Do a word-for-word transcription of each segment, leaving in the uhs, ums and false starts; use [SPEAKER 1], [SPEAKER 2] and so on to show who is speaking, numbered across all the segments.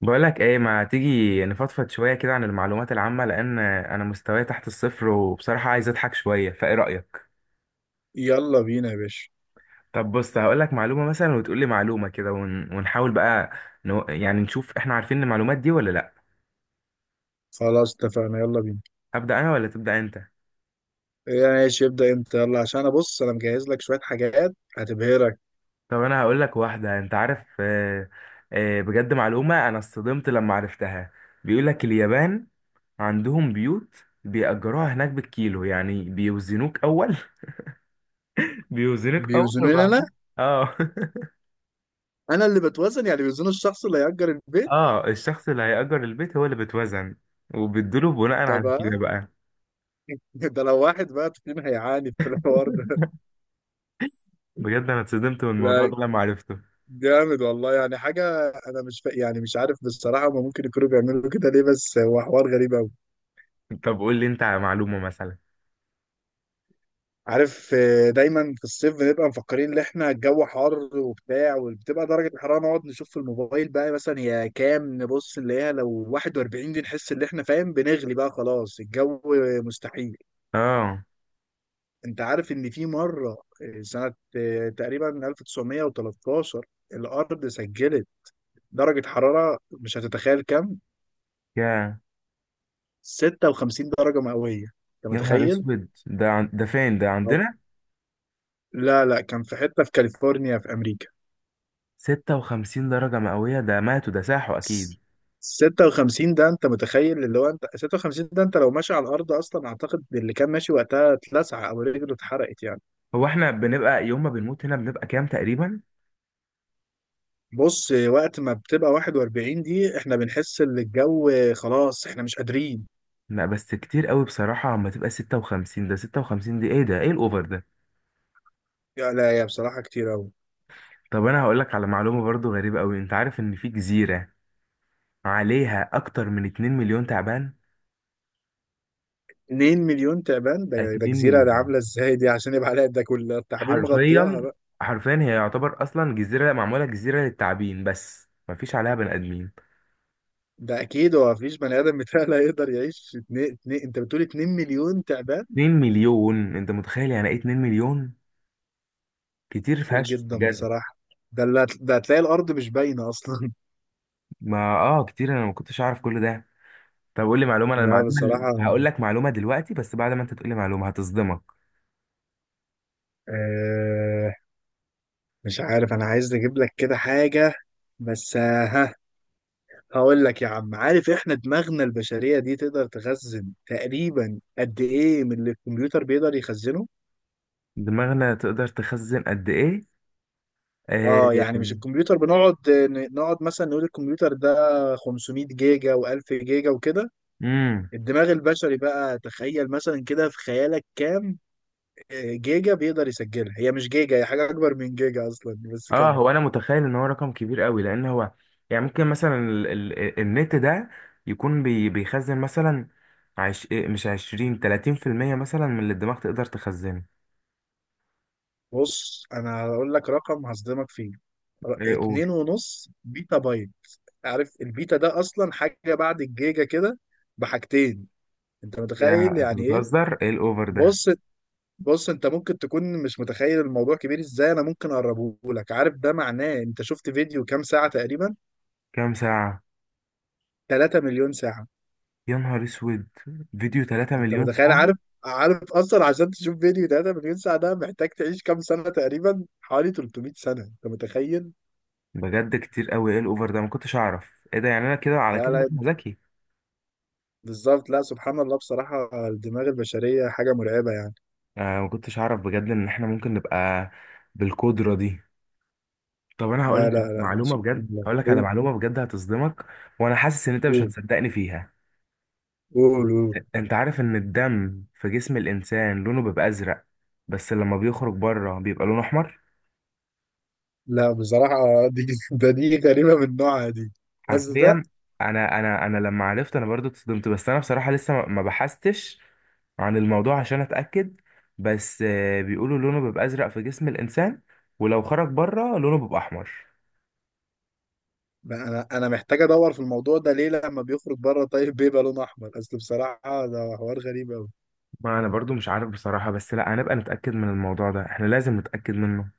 [SPEAKER 1] بقولك ايه، ما تيجي نفضفض شوية كده عن المعلومات العامة لأن أنا مستواي تحت الصفر، وبصراحة عايز أضحك شوية، فايه رأيك؟
[SPEAKER 2] يلا بينا يا باشا.
[SPEAKER 1] طب بص، هقولك معلومة مثلا وتقولي معلومة كده ون... ونحاول بقى نو... يعني نشوف احنا عارفين المعلومات دي ولا لأ.
[SPEAKER 2] خلاص اتفقنا، يلا بينا.
[SPEAKER 1] أبدأ أنا ولا تبدأ أنت؟
[SPEAKER 2] إيه، ماشي، ابدأ انت، يلا عشان انا، بص، انا مجهز لك شوية حاجات هتبهرك.
[SPEAKER 1] طب أنا هقولك واحدة. أنت عارف آه، آه، بجد معلومة أنا اصطدمت لما عرفتها. بيقولك اليابان عندهم بيوت بيأجروها هناك بالكيلو، يعني بيوزنوك أول. بيوزنوك أول
[SPEAKER 2] بيوزنوني انا؟
[SPEAKER 1] وبعدين. اه.
[SPEAKER 2] انا اللي بتوزن؟ يعني بيوزنوا الشخص اللي هيأجر البيت.
[SPEAKER 1] اه، الشخص اللي هيأجر البيت هو اللي بيتوزن، وبيدوله بناء
[SPEAKER 2] ده
[SPEAKER 1] على كده
[SPEAKER 2] بقى
[SPEAKER 1] بقى.
[SPEAKER 2] ده لو واحد بقى فينا هيعاني في الحوار ده
[SPEAKER 1] بجد انا اتصدمت من الموضوع
[SPEAKER 2] لا،
[SPEAKER 1] ده لما عرفته.
[SPEAKER 2] جامد والله، يعني حاجة انا مش فا... يعني مش عارف بصراحة، ما ممكن يكونوا بيعملوا كده ليه، بس هو حوار غريب قوي.
[SPEAKER 1] طب قول لي انت على معلومة مثلا.
[SPEAKER 2] عارف، آه، دايما في الصيف بنبقى مفكرين ان احنا الجو حر وبتاع، وبتبقى درجة الحرارة نقعد نشوف في الموبايل بقى، مثلا هي كام، نبص نلاقيها لو واحد وأربعين دي نحس ان احنا فاهم بنغلي بقى، خلاص الجو. مستحيل.
[SPEAKER 1] اه.
[SPEAKER 2] انت عارف ان في مرة، آه، سنة آه، تقريبا ألف وتسعمية وتلتاشر الارض سجلت درجة حرارة مش هتتخيل كام.
[SPEAKER 1] يا
[SPEAKER 2] ستة وخمسين درجة مئوية، انت
[SPEAKER 1] يا نهار
[SPEAKER 2] متخيل؟
[SPEAKER 1] اسود! ده عن... ده فين، ده عندنا؟
[SPEAKER 2] لا لا، كان في حتة في كاليفورنيا في امريكا.
[SPEAKER 1] ستة وخمسين درجة مئوية؟ ده ماتوا، ده ساحوا اكيد.
[SPEAKER 2] ستة وخمسين ده انت متخيل؟ اللي هو انت ستة وخمسين ده انت لو ماشي على الارض اصلا اعتقد اللي كان ماشي وقتها اتلسع او رجله اتحرقت يعني.
[SPEAKER 1] هو احنا بنبقى يوم ما بنموت هنا بنبقى كام تقريبا؟
[SPEAKER 2] بص، وقت ما بتبقى واحد وأربعين دي احنا بنحس ان الجو خلاص احنا مش قادرين.
[SPEAKER 1] لا بس كتير قوي بصراحة، اما تبقى ستة وخمسين ده، ستة وخمسين دي ايه ده؟ ايه الاوفر ده؟
[SPEAKER 2] يا لا يا بصراحة كتير قوي.
[SPEAKER 1] طب انا هقول لك على معلومة برضو غريبة قوي. انت عارف ان في جزيرة عليها اكتر من 2 مليون تعبان؟
[SPEAKER 2] 2 مليون تعبان، ده, ده
[SPEAKER 1] 2
[SPEAKER 2] جزيرة ده
[SPEAKER 1] مليون،
[SPEAKER 2] عاملة ازاي دي عشان يبقى عليها ده كل التعابين مغطياها
[SPEAKER 1] حرفيا
[SPEAKER 2] بقى.
[SPEAKER 1] حرفيا هي يعتبر اصلا جزيره، معموله جزيره للتعابين بس مفيش عليها بني ادمين.
[SPEAKER 2] ده اكيد هو مفيش بني ادم متهيألي هيقدر يعيش اتنين اتنين، انت بتقول 2 مليون تعبان.
[SPEAKER 1] 2 مليون، انت متخيل يعني ايه 2 مليون؟ كتير
[SPEAKER 2] كتير
[SPEAKER 1] فشخ
[SPEAKER 2] جدا
[SPEAKER 1] بجد.
[SPEAKER 2] بصراحة. ده اللي هت- ده هتلاقي الارض مش باينة اصلا.
[SPEAKER 1] ما اه، كتير، انا ما كنتش اعرف كل ده. طب قول لي معلومه. انا
[SPEAKER 2] لا
[SPEAKER 1] المعلومه ال-
[SPEAKER 2] بصراحة.
[SPEAKER 1] هقول لك معلومه دلوقتي بس بعد ما انت تقول لي معلومه هتصدمك.
[SPEAKER 2] آه مش عارف، أنا عايز أجيب لك كده حاجة. بس آه، ها، هقول لك يا عم. عارف إحنا دماغنا البشرية دي تقدر تخزن تقريبا قد إيه من اللي الكمبيوتر بيقدر يخزنه؟
[SPEAKER 1] دماغنا تقدر تخزن قد ايه؟
[SPEAKER 2] آه يعني مش الكمبيوتر بنقعد ن- نقعد مثلا نقول الكمبيوتر ده خمسمائة جيجا و1000 جيجا وكده.
[SPEAKER 1] امم.
[SPEAKER 2] الدماغ البشري بقى، تخيل مثلا كده في خيالك كام آه، جيجا بيقدر يسجلها. هي مش جيجا، هي حاجة أكبر من جيجا أصلا بس.
[SPEAKER 1] اه، هو انا متخيل ان هو رقم كبير قوي لان هو يعني ممكن مثلا ال ال النت ده يكون بي بيخزن مثلا عش إيه، مش عشرين تلاتين في المية مثلا من اللي الدماغ تقدر تخزنه.
[SPEAKER 2] بص انا هقول لك رقم هصدمك فيه. ر-
[SPEAKER 1] ايه، قول.
[SPEAKER 2] اتنين ونص بيتا بايت. عارف البيتا ده اصلا حاجة بعد الجيجا كده بحاجتين؟ انت متخيل
[SPEAKER 1] يا، انت
[SPEAKER 2] يعني ايه؟
[SPEAKER 1] بتهزر؟ ايه الاوفر ده؟
[SPEAKER 2] بص بص، انت ممكن تكون مش متخيل الموضوع كبير ازاي، انا ممكن اقربه لك. عارف ده معناه انت شفت فيديو كام ساعة تقريبا؟
[SPEAKER 1] كام ساعة؟
[SPEAKER 2] 3 مليون ساعة.
[SPEAKER 1] يا نهار اسود! فيديو 3
[SPEAKER 2] انت
[SPEAKER 1] مليون
[SPEAKER 2] متخيل؟
[SPEAKER 1] ساعة؟
[SPEAKER 2] عارف عارف اصلا عشان تشوف فيديو 3 مليون ساعة ده محتاج تعيش كام سنة؟ تقريبا حوالي تلتمية سنة، انت متخيل؟
[SPEAKER 1] بجد كتير قوي، ايه الاوفر ده؟ ما كنتش اعرف ايه ده يعني. انا كده على
[SPEAKER 2] لا
[SPEAKER 1] كده بقى
[SPEAKER 2] لا،
[SPEAKER 1] ذكي.
[SPEAKER 2] بالظبط. لا سبحان الله، بصراحة الدماغ البشرية حاجة مرعبة يعني.
[SPEAKER 1] آه، ما كنتش اعرف بجد ان احنا ممكن نبقى بالقدرة دي. طب انا هقول
[SPEAKER 2] لا
[SPEAKER 1] لك
[SPEAKER 2] لا لا لا،
[SPEAKER 1] معلومه بجد،
[SPEAKER 2] سبحان الله،
[SPEAKER 1] هقول لك على
[SPEAKER 2] قول.
[SPEAKER 1] معلومه بجد هتصدمك. وانا حاسس ان انت مش
[SPEAKER 2] قول
[SPEAKER 1] هتصدقني فيها.
[SPEAKER 2] قول قول
[SPEAKER 1] انت عارف ان الدم في جسم الانسان لونه بيبقى ازرق، بس لما بيخرج بره بيبقى لونه احمر.
[SPEAKER 2] لا بصراحة. دي ده دي غريبة من نوعها دي. أزرق؟
[SPEAKER 1] حرفيا. انا انا انا لما عرفت انا برضو اتصدمت، بس انا بصراحه لسه ما ما بحثتش عن الموضوع عشان اتاكد. بس آه، بيقولوا لونه بيبقى ازرق في جسم الانسان، ولو خرج بره لونه بيبقى احمر.
[SPEAKER 2] بقى أنا أنا محتاج أدور في الموضوع ده ليه لما بيخرج بره طيب بيبقى لون أحمر؟ أصل بصراحة ده حوار غريب أوي.
[SPEAKER 1] ما انا برضو مش عارف بصراحه، بس لا، هنبقى نتاكد من الموضوع ده، احنا لازم نتاكد منه.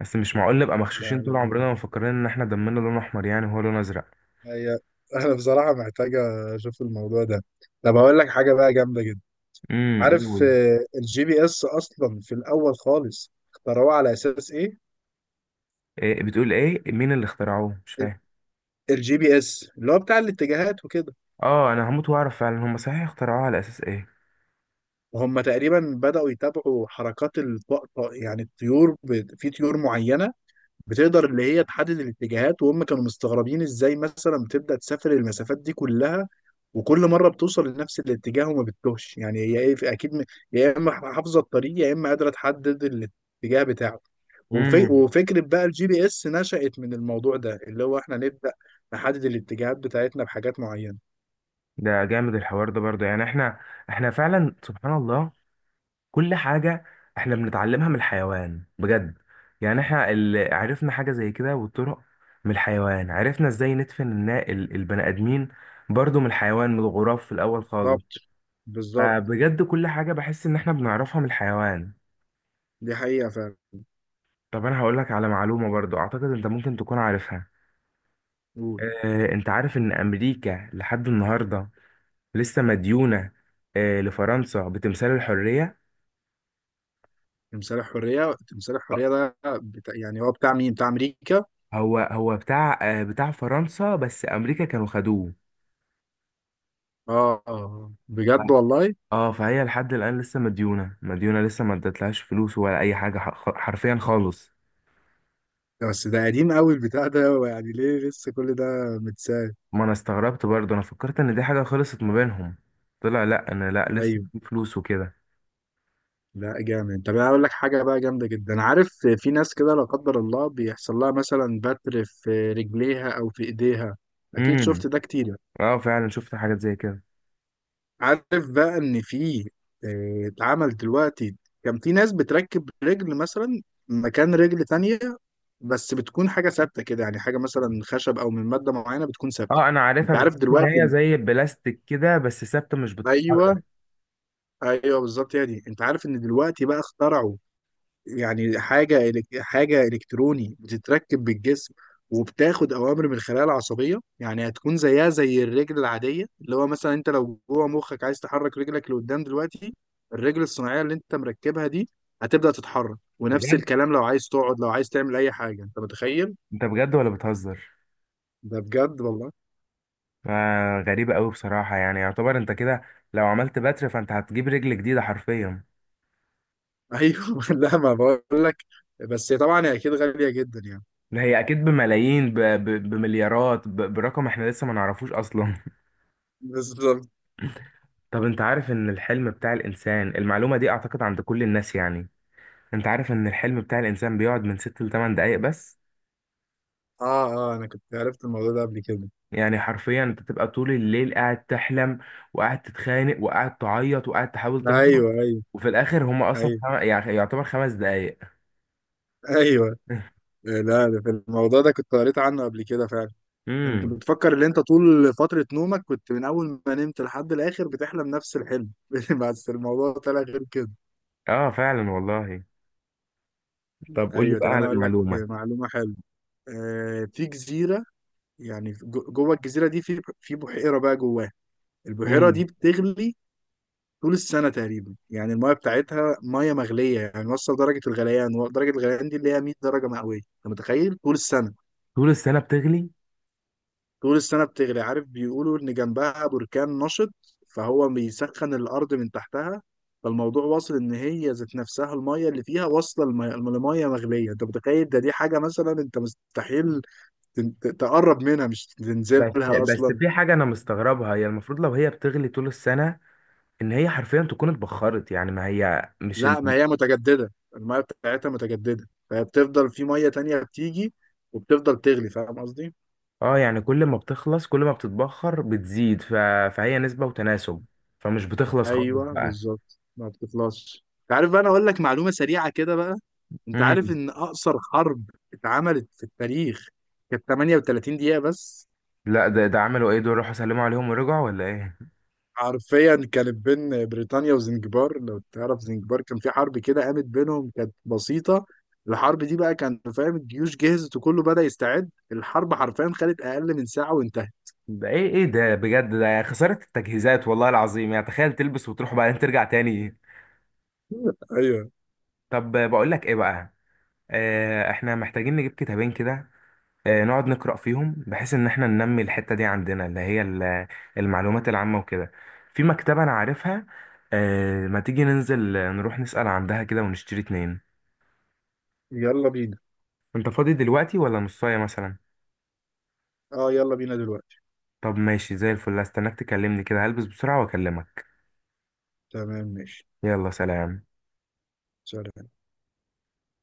[SPEAKER 1] بس مش معقول نبقى
[SPEAKER 2] لا
[SPEAKER 1] مغشوشين طول
[SPEAKER 2] لا،
[SPEAKER 1] عمرنا ومفكرين ان احنا دمنا لون احمر يعني وهو لون ازرق.
[SPEAKER 2] هي أنا بصراحة محتاج أشوف الموضوع ده. طب هقول لك حاجة بقى جامدة جدا.
[SPEAKER 1] امم،
[SPEAKER 2] عارف
[SPEAKER 1] قول.
[SPEAKER 2] الجي بي إس أصلا في الأول خالص اخترعوه على أساس إيه؟
[SPEAKER 1] إيه؟ بتقول ايه؟ مين اللي اخترعوه؟ مش فاهم.
[SPEAKER 2] الجي بي اس اللي هو بتاع الاتجاهات وكده.
[SPEAKER 1] اه، انا هموت واعرف فعلا هم صحيح اخترعوه على اساس ايه.
[SPEAKER 2] وهم تقريبا بدأوا يتابعوا حركات الطقطق، يعني الطيور، ب- في طيور معينة بتقدر، اللي هي تحدد الاتجاهات، وهم كانوا مستغربين ازاي مثلا بتبدأ تسافر المسافات دي كلها وكل مرة بتوصل لنفس الاتجاه وما بتتوهش، يعني هي ايه؟ اكيد، م- يا اما حافظة الطريق يا اما قادرة تحدد الاتجاه بتاعه. وفي
[SPEAKER 1] امم.
[SPEAKER 2] وفكرة بقى الجي بي اس نشأت من الموضوع ده، اللي هو احنا نبدأ نحدد الاتجاهات بتاعتنا بحاجات معينة.
[SPEAKER 1] ده جامد الحوار ده برضه، يعني احنا احنا فعلا سبحان الله. كل حاجة احنا بنتعلمها من الحيوان بجد. يعني احنا اللي عرفنا حاجة زي كده والطرق. من الحيوان عرفنا ازاي ندفن النا- ال- البني ادمين، برضه من الحيوان، من الغراب في الاول خالص.
[SPEAKER 2] بالظبط بالظبط،
[SPEAKER 1] فبجد كل حاجة بحس إن إحنا بنعرفها من الحيوان.
[SPEAKER 2] دي حقيقة فعلا.
[SPEAKER 1] طب أنا هقولك على معلومة برضو أعتقد أنت ممكن تكون عارفها.
[SPEAKER 2] قول.
[SPEAKER 1] آه، أنت عارف إن أمريكا لحد النهاردة لسه مديونة آه، لفرنسا بتمثال الحرية.
[SPEAKER 2] تمثال الحرية، تمثال الحرية ده بتاع، يعني هو بتاع مين؟ بتاع أمريكا اه.
[SPEAKER 1] هو هو بتاع آه، بتاع فرنسا بس أمريكا كانوا خدوه.
[SPEAKER 2] آه، آه.
[SPEAKER 1] ف-
[SPEAKER 2] بجد والله؟
[SPEAKER 1] اه، فهي لحد الآن لسه مديونة مديونة، لسه ما ادتلهاش فلوس ولا أي حاجة، ح- حرفيا خالص.
[SPEAKER 2] ده بس ده قديم قوي البتاع ده، هو يعني ليه لسه كل ده متساب؟
[SPEAKER 1] ما أنا استغربت برضو، أنا فكرت إن دي حاجة خلصت ما بينهم. طلع لأ، أنا لأ، لسه
[SPEAKER 2] ايوه.
[SPEAKER 1] في فلوس وكده.
[SPEAKER 2] لا جامد. طب انا اقول لك حاجه بقى جامده جدا. عارف في ناس كده لا قدر الله بيحصل لها مثلا بتر في رجليها او في ايديها؟ اكيد
[SPEAKER 1] امم.
[SPEAKER 2] شفت ده كتير.
[SPEAKER 1] اه، فعلا شفت حاجات زي كده.
[SPEAKER 2] عارف بقى ان في، آه، اتعمل دلوقتي، كان في ناس بتركب رجل مثلا مكان رجل تانية، بس بتكون حاجة ثابتة كده، يعني حاجة مثلا خشب أو من مادة معينة بتكون ثابتة.
[SPEAKER 1] اه، انا عارفها،
[SPEAKER 2] أنت عارف
[SPEAKER 1] بتحس ان هي
[SPEAKER 2] دلوقتي؟
[SPEAKER 1] زي البلاستيك كده بس ثابته مش
[SPEAKER 2] أيوه.
[SPEAKER 1] بتتحرك.
[SPEAKER 2] أيوه بالظبط، هي دي. أنت عارف إن دلوقتي بقى اخترعوا يعني حاجة إلك- حاجة إلكتروني بتتركب بالجسم وبتاخد أوامر من الخلايا العصبية، يعني هتكون زيها زي الرجل العادية، اللي هو مثلا أنت لو جوه مخك عايز تحرك رجلك لقدام دلوقتي، الرجل الصناعية اللي أنت مركبها دي هتبدأ تتحرك، ونفس
[SPEAKER 1] بجد؟
[SPEAKER 2] الكلام لو عايز تقعد لو عايز تعمل أي حاجة، أنت متخيل؟
[SPEAKER 1] انت بجد ولا بتهزر؟
[SPEAKER 2] ده بجد والله.
[SPEAKER 1] آه، غريبه قوي بصراحه. يعني يعتبر انت كده لو عملت بتر فانت هتجيب رجل جديده حرفيا.
[SPEAKER 2] أيوه لا، ما بقول لك، بس طبعا هي أكيد غالية جدا يعني.
[SPEAKER 1] ده هي اكيد بملايين، ب... ب... بمليارات، ب... برقم احنا لسه ما نعرفوش اصلا.
[SPEAKER 2] بالظبط.
[SPEAKER 1] طب انت عارف ان الحلم بتاع الانسان، المعلومه دي اعتقد عند كل الناس يعني، انت عارف ان الحلم بتاع الانسان بيقعد من ستة ل تمنية دقائق بس؟
[SPEAKER 2] آه آه، أنا كنت عرفت الموضوع ده قبل كده.
[SPEAKER 1] يعني حرفيا انت تبقى طول الليل قاعد تحلم، وقاعد تتخانق، وقاعد تعيط، وقاعد تحاول تهرب،
[SPEAKER 2] أيوه أيوه،
[SPEAKER 1] وفي الاخر هما اصلا
[SPEAKER 2] أيوه
[SPEAKER 1] خم... يعني يعتبر خمس دقايق.
[SPEAKER 2] أيوه. إيه، لا ده في الموضوع ده كنت قريت عنه قبل كده فعلا. انت
[SPEAKER 1] امم.
[SPEAKER 2] بتفكر ان انت طول فترة نومك كنت من اول ما نمت لحد الاخر بتحلم نفس الحلم بس الموضوع طلع غير كده.
[SPEAKER 1] اه، فعلا والله. طب قول لي
[SPEAKER 2] ايوه.
[SPEAKER 1] بقى
[SPEAKER 2] طب انا
[SPEAKER 1] على
[SPEAKER 2] اقول لك
[SPEAKER 1] معلومة.
[SPEAKER 2] معلومة حلوة. آه في جزيرة، يعني في- جو- جوه الجزيرة دي في في بحيرة بقى جواها. البحيرة دي
[SPEAKER 1] امم.
[SPEAKER 2] بتغلي طول السنة تقريبا، يعني المايه بتاعتها ميه مغلية، يعني وصل درجة الغليان، درجة الغليان دي اللي هي مية درجة مئوية، انت متخيل طول السنة؟
[SPEAKER 1] طول السنة بتغلي؟
[SPEAKER 2] طول السنة بتغلي. عارف بيقولوا إن جنبها بركان نشط فهو بيسخن الأرض من تحتها، فالموضوع واصل إن هي ذات نفسها المية اللي فيها واصلة لمية لمية مغلية، أنت متخيل؟ ده دي حاجة مثلا أنت مستحيل تن- ت- تقرب منها، مش
[SPEAKER 1] بس
[SPEAKER 2] تنزلها
[SPEAKER 1] بس
[SPEAKER 2] أصلا.
[SPEAKER 1] في حاجة انا مستغربها، هي المفروض لو هي بتغلي طول السنة، ان هي حرفيا تكون اتبخرت، يعني ما هي مش
[SPEAKER 2] لا، ما
[SPEAKER 1] ال...
[SPEAKER 2] هي متجددة، المية بتاعتها متجددة، فبتفضل في مية تانية بتيجي وبتفضل تغلي، فاهم قصدي؟
[SPEAKER 1] اه، يعني كل ما بتخلص، كل ما بتتبخر بتزيد ف... فهي نسبة وتناسب، فمش بتخلص خالص
[SPEAKER 2] أيوه
[SPEAKER 1] بقى.
[SPEAKER 2] بالظبط، ما بتخلصش. عارف بقى، أنا أقول لك معلومة سريعة كده بقى. انت عارف
[SPEAKER 1] مم.
[SPEAKER 2] ان اقصر حرب اتعملت في التاريخ كانت تمنية وتلاتين دقيقة بس؟
[SPEAKER 1] لا، ده ده عملوا ايه دول، راحوا سلموا عليهم ورجعوا ولا ايه؟
[SPEAKER 2] حرفيا كانت بين بريطانيا وزنجبار، لو تعرف زنجبار. كان في حرب كده قامت بينهم كانت بسيطة، الحرب دي بقى كان فاهم الجيوش جهزت وكله بدأ يستعد، الحرب حرفيا خدت اقل من ساعة وانتهت.
[SPEAKER 1] ده ايه ايه ده بجد، ده خسارة التجهيزات والله العظيم، يعني تخيل تلبس وتروح وبعدين ترجع تاني.
[SPEAKER 2] ايوه،
[SPEAKER 1] طب بقول لك ايه بقى، آه احنا محتاجين نجيب كتابين كده، آه نقعد نقرأ فيهم بحيث ان احنا ننمي الحتة دي عندنا اللي هي ال- المعلومات العامة وكده. في مكتبة انا عارفها، آه ما تيجي ننزل، آه، نروح نسأل عندها كده ونشتري اتنين؟
[SPEAKER 2] يلا بينا.
[SPEAKER 1] انت فاضي دلوقتي ولا نصاية مثلا؟
[SPEAKER 2] اه يلا بينا دلوقتي.
[SPEAKER 1] طب ماشي، زي الفل، استناك تكلمني كده، هلبس بسرعة واكلمك.
[SPEAKER 2] تمام ماشي.
[SPEAKER 1] يلا سلام.
[SPEAKER 2] سلام.